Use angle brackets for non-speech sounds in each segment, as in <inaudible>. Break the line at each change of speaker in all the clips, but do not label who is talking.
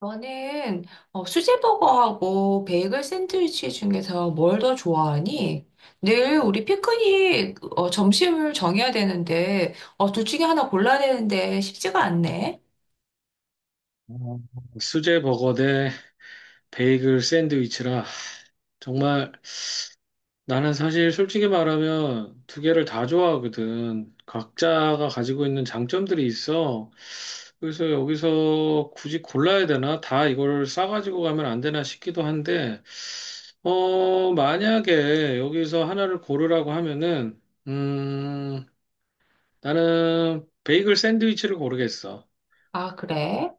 너는 수제버거하고 베이글 샌드위치 중에서 뭘 더 좋아하니? 늘 우리 피크닉 점심을 정해야 되는데 둘 중에 하나 골라야 되는데 쉽지가 않네.
어, 수제 버거 대 베이글 샌드위치라. 정말 나는 사실 솔직히 말하면 두 개를 다 좋아하거든. 각자가 가지고 있는 장점들이 있어. 그래서 여기서 굳이 골라야 되나? 다 이걸 싸가지고 가면 안 되나 싶기도 한데, 만약에 여기서 하나를 고르라고 하면은, 음, 나는 베이글 샌드위치를 고르겠어.
아, 그래?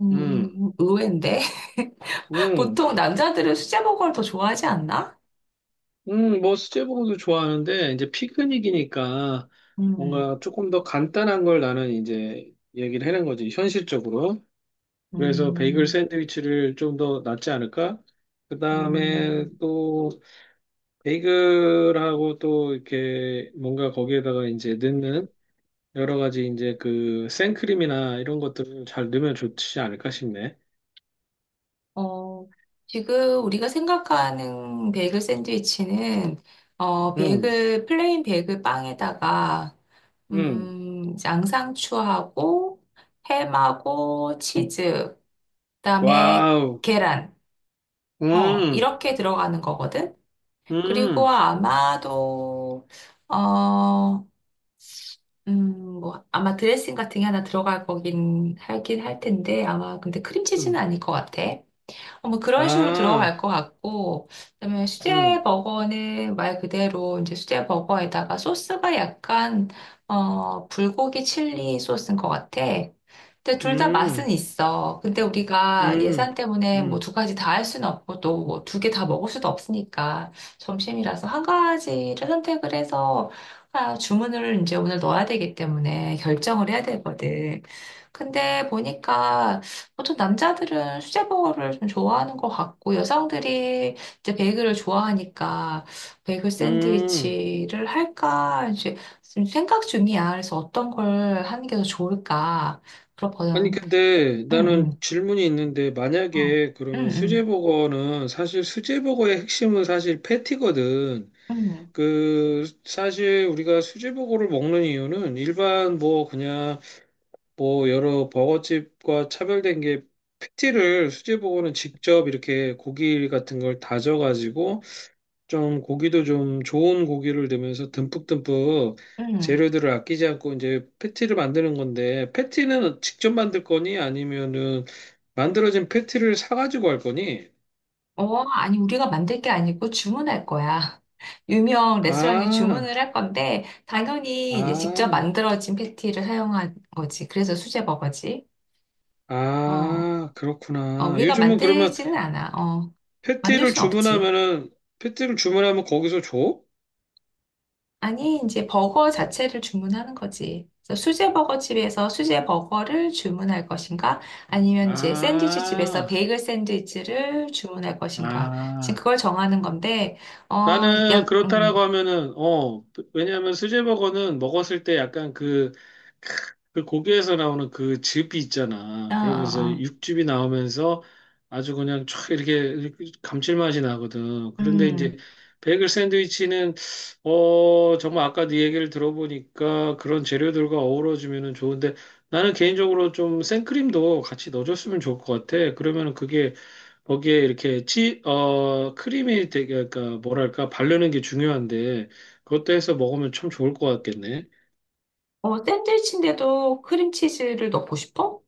음,
음,
의외인데. <laughs>
음.
보통 남자들은 수제버거를 더 좋아하지 않나?
뭐 수제버거도 좋아하는데 이제 피크닉이니까
음,
뭔가 조금 더 간단한 걸 나는 이제 얘기를 해낸 거지 현실적으로. 그래서 베이글
음,
샌드위치를 좀 더 낫지 않을까? 그 다음에
음,
또 베이글하고 또 이렇게 뭔가 거기에다가 이제 넣는 여러 가지 이제 그 생크림이나 이런 것들을 잘 넣으면 좋지 않을까 싶네.
어, 지금 우리가 생각하는 베이글 샌드위치는
음,
베이글, 플레인 베이글 빵에다가
음,
양상추하고 햄하고 치즈, 그다음에
와우,
계란.
음,
이렇게 들어가는 거거든. 그리고
음,
아마도 어, 뭐 아마 드레싱 같은 게 하나 들어갈 거긴 하긴 할 텐데 아마 근데 크림치즈는
음,
아닐 것 같아. 뭐 그런 식으로
아,
들어갈 것 같고, 그다음에 수제
음.
버거는 말 그대로 이제 수제 버거에다가 소스가 약간 불고기 칠리 소스인 것 같아. 근데 둘 다 맛은
음,
있어. 근데 우리가 예산
음,
때문에 뭐
음,
두 가지 다 할 수는 없고 또 뭐 두 개 다 먹을 수도 없으니까 점심이라서 한 가지를 선택을 해서 아, 주문을 이제 오늘 넣어야 되기 때문에 결정을 해야 되거든. 근데 보니까 보통 남자들은 수제버거를 좀 좋아하는 것 같고, 여성들이 이제 베이글을 좋아하니까, 베이글
음.
샌드위치를 할까, 이제 지금 생각 중이야. 그래서 어떤 걸 하는 게 더 좋을까.
아니,
그렇거든.
근데
응,
나는
응,
질문이 있는데,
어,
만약에
응,
그러면
응,
수제버거는 사실 수제버거의 핵심은 사실 패티거든.
응, 응.
사실 우리가 수제버거를 먹는 이유는 일반 뭐 그냥 뭐 여러 버거집과 차별된 게 패티를 수제버거는 직접 이렇게 고기 같은 걸 다져가지고 좀 고기도 좀 좋은 고기를 넣으면서 듬뿍듬뿍
응.
재료들을 아끼지 않고 이제 패티를 만드는 건데 패티는 직접 만들 거니 아니면은 만들어진 패티를 사가지고 할 거니?
어, 아니, 우리가 만들 게 아니고 주문할 거야. <laughs> 유명 레스토랑에 주문을
아,
할 건데, 당연히 이제 직접
아,
만들어진 패티를 사용한 거지. 그래서 수제버거지. 어.
아,
어,
그렇구나.
우리가
요즘은 그러면
만들지는 않아. 어, 만들
패티를
순 없지.
주문하면은 패티를 주문하면 거기서 줘?
아니, 이제 버거 자체를 주문하는 거지. 그래서 수제 버거 집에서 수제 버거를 주문할 것인가? 아니면 이제 샌드위치 집에서
아,
베이글 샌드위치를 주문할 것인가? 지금
아.
그걸 정하는 건데, 어,
나는
약,
그렇다라고
음,
하면은 왜냐하면 수제버거는 먹었을 때 약간 그 고기에서 나오는 그 즙이 있잖아
어, 어,
그러면서
어,
육즙이 나오면서 아주 그냥 촥 이렇게 감칠맛이 나거든 그런데
음,
이제 베이글 샌드위치는 정말 아까 네 얘기를 들어보니까 그런 재료들과 어우러지면은 좋은데 나는 개인적으로 좀 생크림도 같이 넣어줬으면 좋을 것 같아 그러면은 그게 거기에 이렇게 크림이 되게, 그러니까 뭐랄까, 바르는 게 중요한데, 그것도 해서 먹으면 참 좋을 것 같겠네.
어, 샌드위치인데도 크림치즈를 넣고 싶어?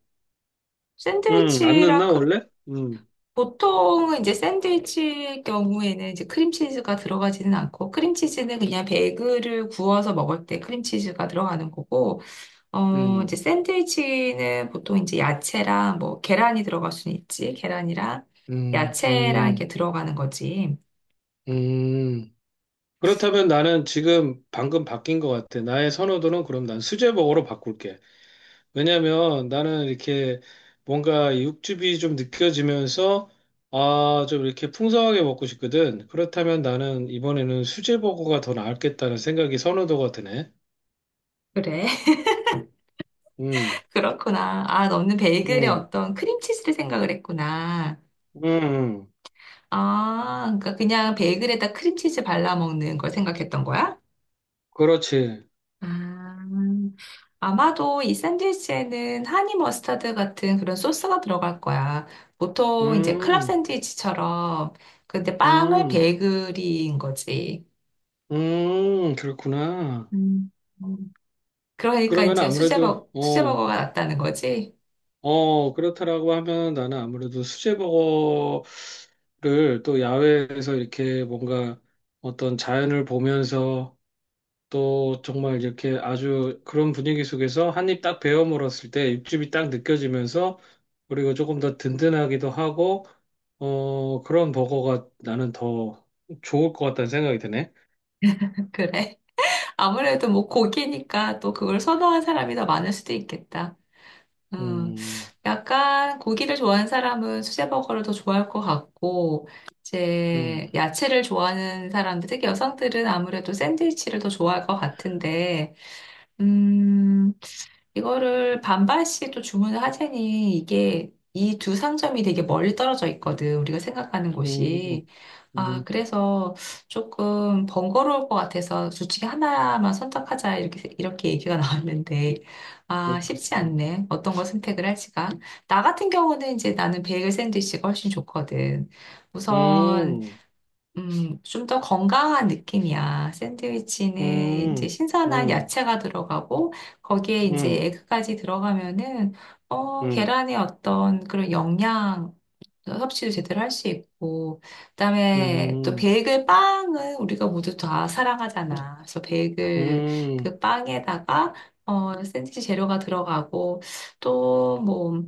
안
샌드위치랑
넣나, 원래? 음,
보통은 이제 샌드위치 경우에는 이제 크림치즈가 들어가지는 않고 크림치즈는 그냥 베이글을 구워서 먹을 때 크림치즈가 들어가는 거고 이제
음,
샌드위치는 보통 이제 야채랑 뭐 계란이 들어갈 수는 있지 계란이랑
음,
야채랑 이렇게
음,
들어가는 거지.
음. 그렇다면 나는 지금 방금 바뀐 것 같아. 나의 선호도는 그럼 난 수제버거로 바꿀게. 왜냐면 나는 이렇게 뭔가 육즙이 좀 느껴지면서, 아, 좀 이렇게 풍성하게 먹고 싶거든. 그렇다면 나는 이번에는 수제버거가 더 나았겠다는 생각이 선호도가 드네.
그래. <laughs>
음,
그렇구나. 아, 너는 베이글에
음,
어떤 크림치즈를 생각을 했구나.
음,
아, 그러니까 그냥 베이글에다 크림치즈 발라 먹는 걸 생각했던 거야?
그렇지.
아, 아마도 이 샌드위치에는 하니 머스타드 같은 그런 소스가 들어갈 거야. 보통 이제 클럽
음,
샌드위치처럼, 근데 빵을
음,
베이글인 거지.
그렇구나.
음. 음. 그러니까
그러면
이제
아무래도,
수제버거가 낫다는 거지.
그렇다라고 하면 나는 아무래도 수제버거를 또 야외에서 이렇게 뭔가 어떤 자연을 보면서 또 정말 이렇게 아주 그런 분위기 속에서 한입 딱 베어 물었을 때 육즙이 딱 느껴지면서 그리고 조금 더 든든하기도 하고 그런 버거가 나는 더 좋을 것 같다는 생각이 드네.
<laughs> 그래. 아무래도 뭐 고기니까 또 그걸 선호한 사람이 더 많을 수도 있겠다. 음,
음,
약간 고기를 좋아하는 사람은 수제버거를 더 좋아할 것 같고, 이제
음,
야채를 좋아하는 사람들, 특히 여성들은 아무래도 샌드위치를 더 좋아할 것 같은데, 음, 이거를 반반씩 또 주문을 하자니 이게 이 두 상점이 되게 멀리 떨어져 있거든. 우리가 생각하는 곳이.
음,
아,
음,
그래서 조금 번거로울 것 같아서 둘 중에 하나만 선택하자. 이렇게 얘기가 <laughs> 나왔는데. 아, 쉽지
음,
않네. 어떤 걸 선택을 할지가. 나 같은 경우는 이제 나는 베이글 샌드위치가 훨씬 좋거든.
음,
우선
음,
좀 더 건강한 느낌이야. 샌드위치는 이제
음,
신선한
음,
야채가 들어가고, 거기에 이제
음,
에그까지 들어가면은,
음,
계란의 어떤 그런 영양 섭취도 제대로 할 수 있고, 그다음에 또
음, 음,
베이글 빵은 우리가 모두 다 사랑하잖아. 그래서 베이글 그 빵에다가, 샌드위치 재료가 들어가고, 또 뭐,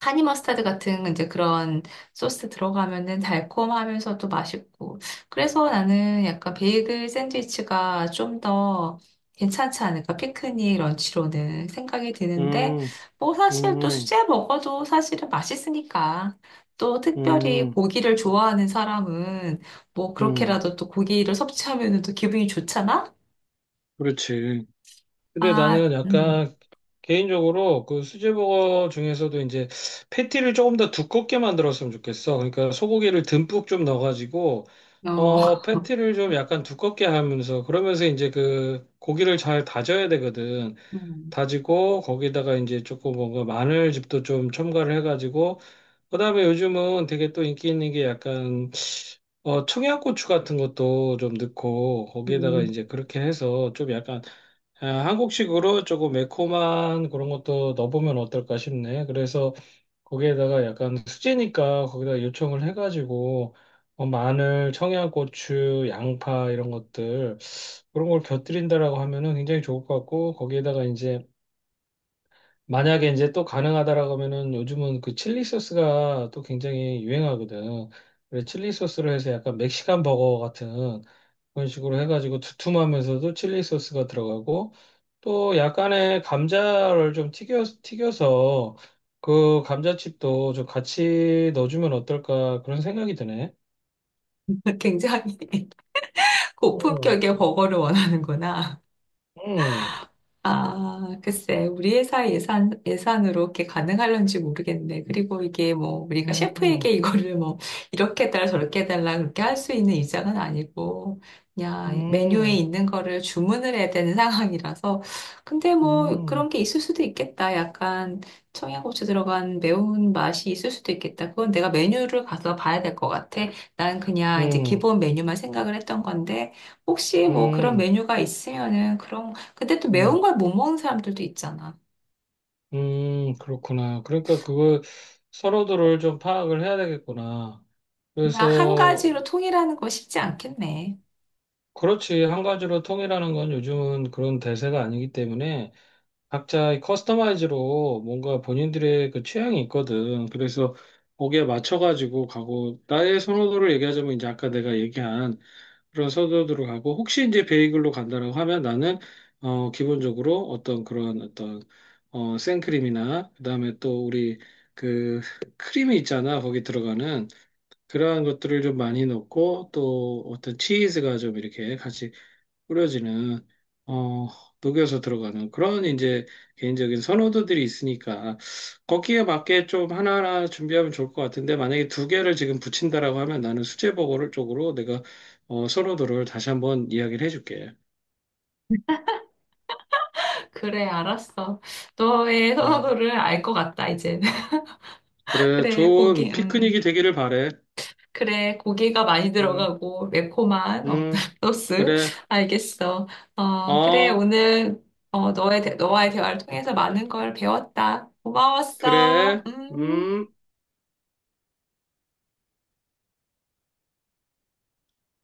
하니 머스타드 같은 이제 그런 소스 들어가면은 달콤하면서도 맛있고. 그래서 나는 약간 베이글 샌드위치가 좀 더 괜찮지 않을까? 피크닉 런치로는 생각이 드는데, 뭐
음,
사실 또
음,
수제 먹어도 사실은 맛있으니까. 또 특별히
음,
고기를 좋아하는 사람은 뭐
음.
그렇게라도 또 고기를 섭취하면은 또 기분이 좋잖아?
그렇지. 근데
아,
나는 약간 개인적으로 그 수제버거 중에서도 이제 패티를 조금 더 두껍게 만들었으면 좋겠어. 그러니까 소고기를 듬뿍 좀 넣어가지고
어,
패티를 좀 약간 두껍게 하면서 그러면서 이제 그 고기를 잘 다져야 되거든.
<laughs> 음,
다지고 거기다가 이제 조금 뭔가 마늘즙도 좀 첨가를 해가지고 그다음에 요즘은 되게 또 인기 있는 게 약간 청양고추 같은 것도 좀 넣고 거기에다가
음,
이제 그렇게 해서 좀 약간 한국식으로 조금 매콤한 그런 것도 넣어보면 어떨까 싶네. 그래서 거기에다가 약간 수제니까 거기다 요청을 해가지고 마늘, 청양고추, 양파 이런 것들 그런 걸 곁들인다라고 하면은 굉장히 좋을 것 같고 거기에다가 이제 만약에 이제 또 가능하다라고 하면은 요즘은 그 칠리 소스가 또 굉장히 유행하거든. 그래서 칠리 소스를 해서 약간 멕시칸 버거 같은 그런 식으로 해가지고 두툼하면서도 칠리 소스가 들어가고 또 약간의 감자를 좀 튀겨서 그 감자칩도 좀 같이 넣어주면 어떨까 그런 생각이 드네.
<laughs> 굉장히.
음,
고품격의 버거를 원하는구나.
음,
아, 글쎄, 우리 회사 예산으로 이렇게 가능할런지 모르겠네. 그리고 이게 뭐, 우리가
음,
셰프에게 이거를 뭐, 이렇게 해달라, 저렇게 해달라, 그렇게 할 수 있는 입장은 아니고, 그냥 메뉴에
음,
있는 거를 주문을 해야 되는 <laughs> 상황이라서. 근데 뭐,
음,
그런 게 있을 수도 있겠다. 약간 청양고추 들어간 매운 맛이 있을 수도 있겠다. 그건 내가 메뉴를 가서 봐야 될 것 같아. 난 그냥 이제
음,
기본 메뉴만 생각을 했던 건데, 혹시 뭐 그런
음.
메뉴가 있으면은 그런 근데 또 매운
음.
걸 못 먹는 사람들도 있잖아.
그렇구나. 그러니까 그걸 서로들을 좀 파악을 해야 되겠구나.
그냥 한
그래서
가지로 통일하는 거 쉽지 않겠네.
그렇지. 한 가지로 통일하는 건 요즘은 그런 대세가 아니기 때문에 각자 커스터마이즈로 뭔가 본인들의 그 취향이 있거든. 그래서 거기에 맞춰가지고 가고 나의 선호도를 얘기하자면 이제 아까 내가 얘기한 그런 서도드로 가고 혹시 이제 베이글로 간다라고 하면 나는 기본적으로 어떤 그런 어떤 생크림이나 그다음에 또 우리 그 크림이 있잖아 거기 들어가는 그러한 것들을 좀 많이 넣고 또 어떤 치즈가 좀 이렇게 같이 꾸려지는 어, 녹여서 들어가는 그런 이제 개인적인 선호도들이 있으니까 거기에 맞게 좀 하나하나 준비하면 좋을 것 같은데 만약에 두 개를 지금 붙인다라고 하면 나는 수제버거를 쪽으로 내가 선호도를 다시 한번 이야기를 해줄게.
그래, 알았어. 너의
음,
선호도를 알 것 같다, 이제. <laughs>
그래,
그래,
좋은
고기,
피크닉이 되기를 바래.
그래, 고기가 많이
음,
들어가고, 매콤한
음,
<laughs> 소스.
그래,
알겠어. 그래,
어,
오늘, 너와의 대화를 통해서 많은 걸 배웠다. 고마웠어.
그래,
음.
음.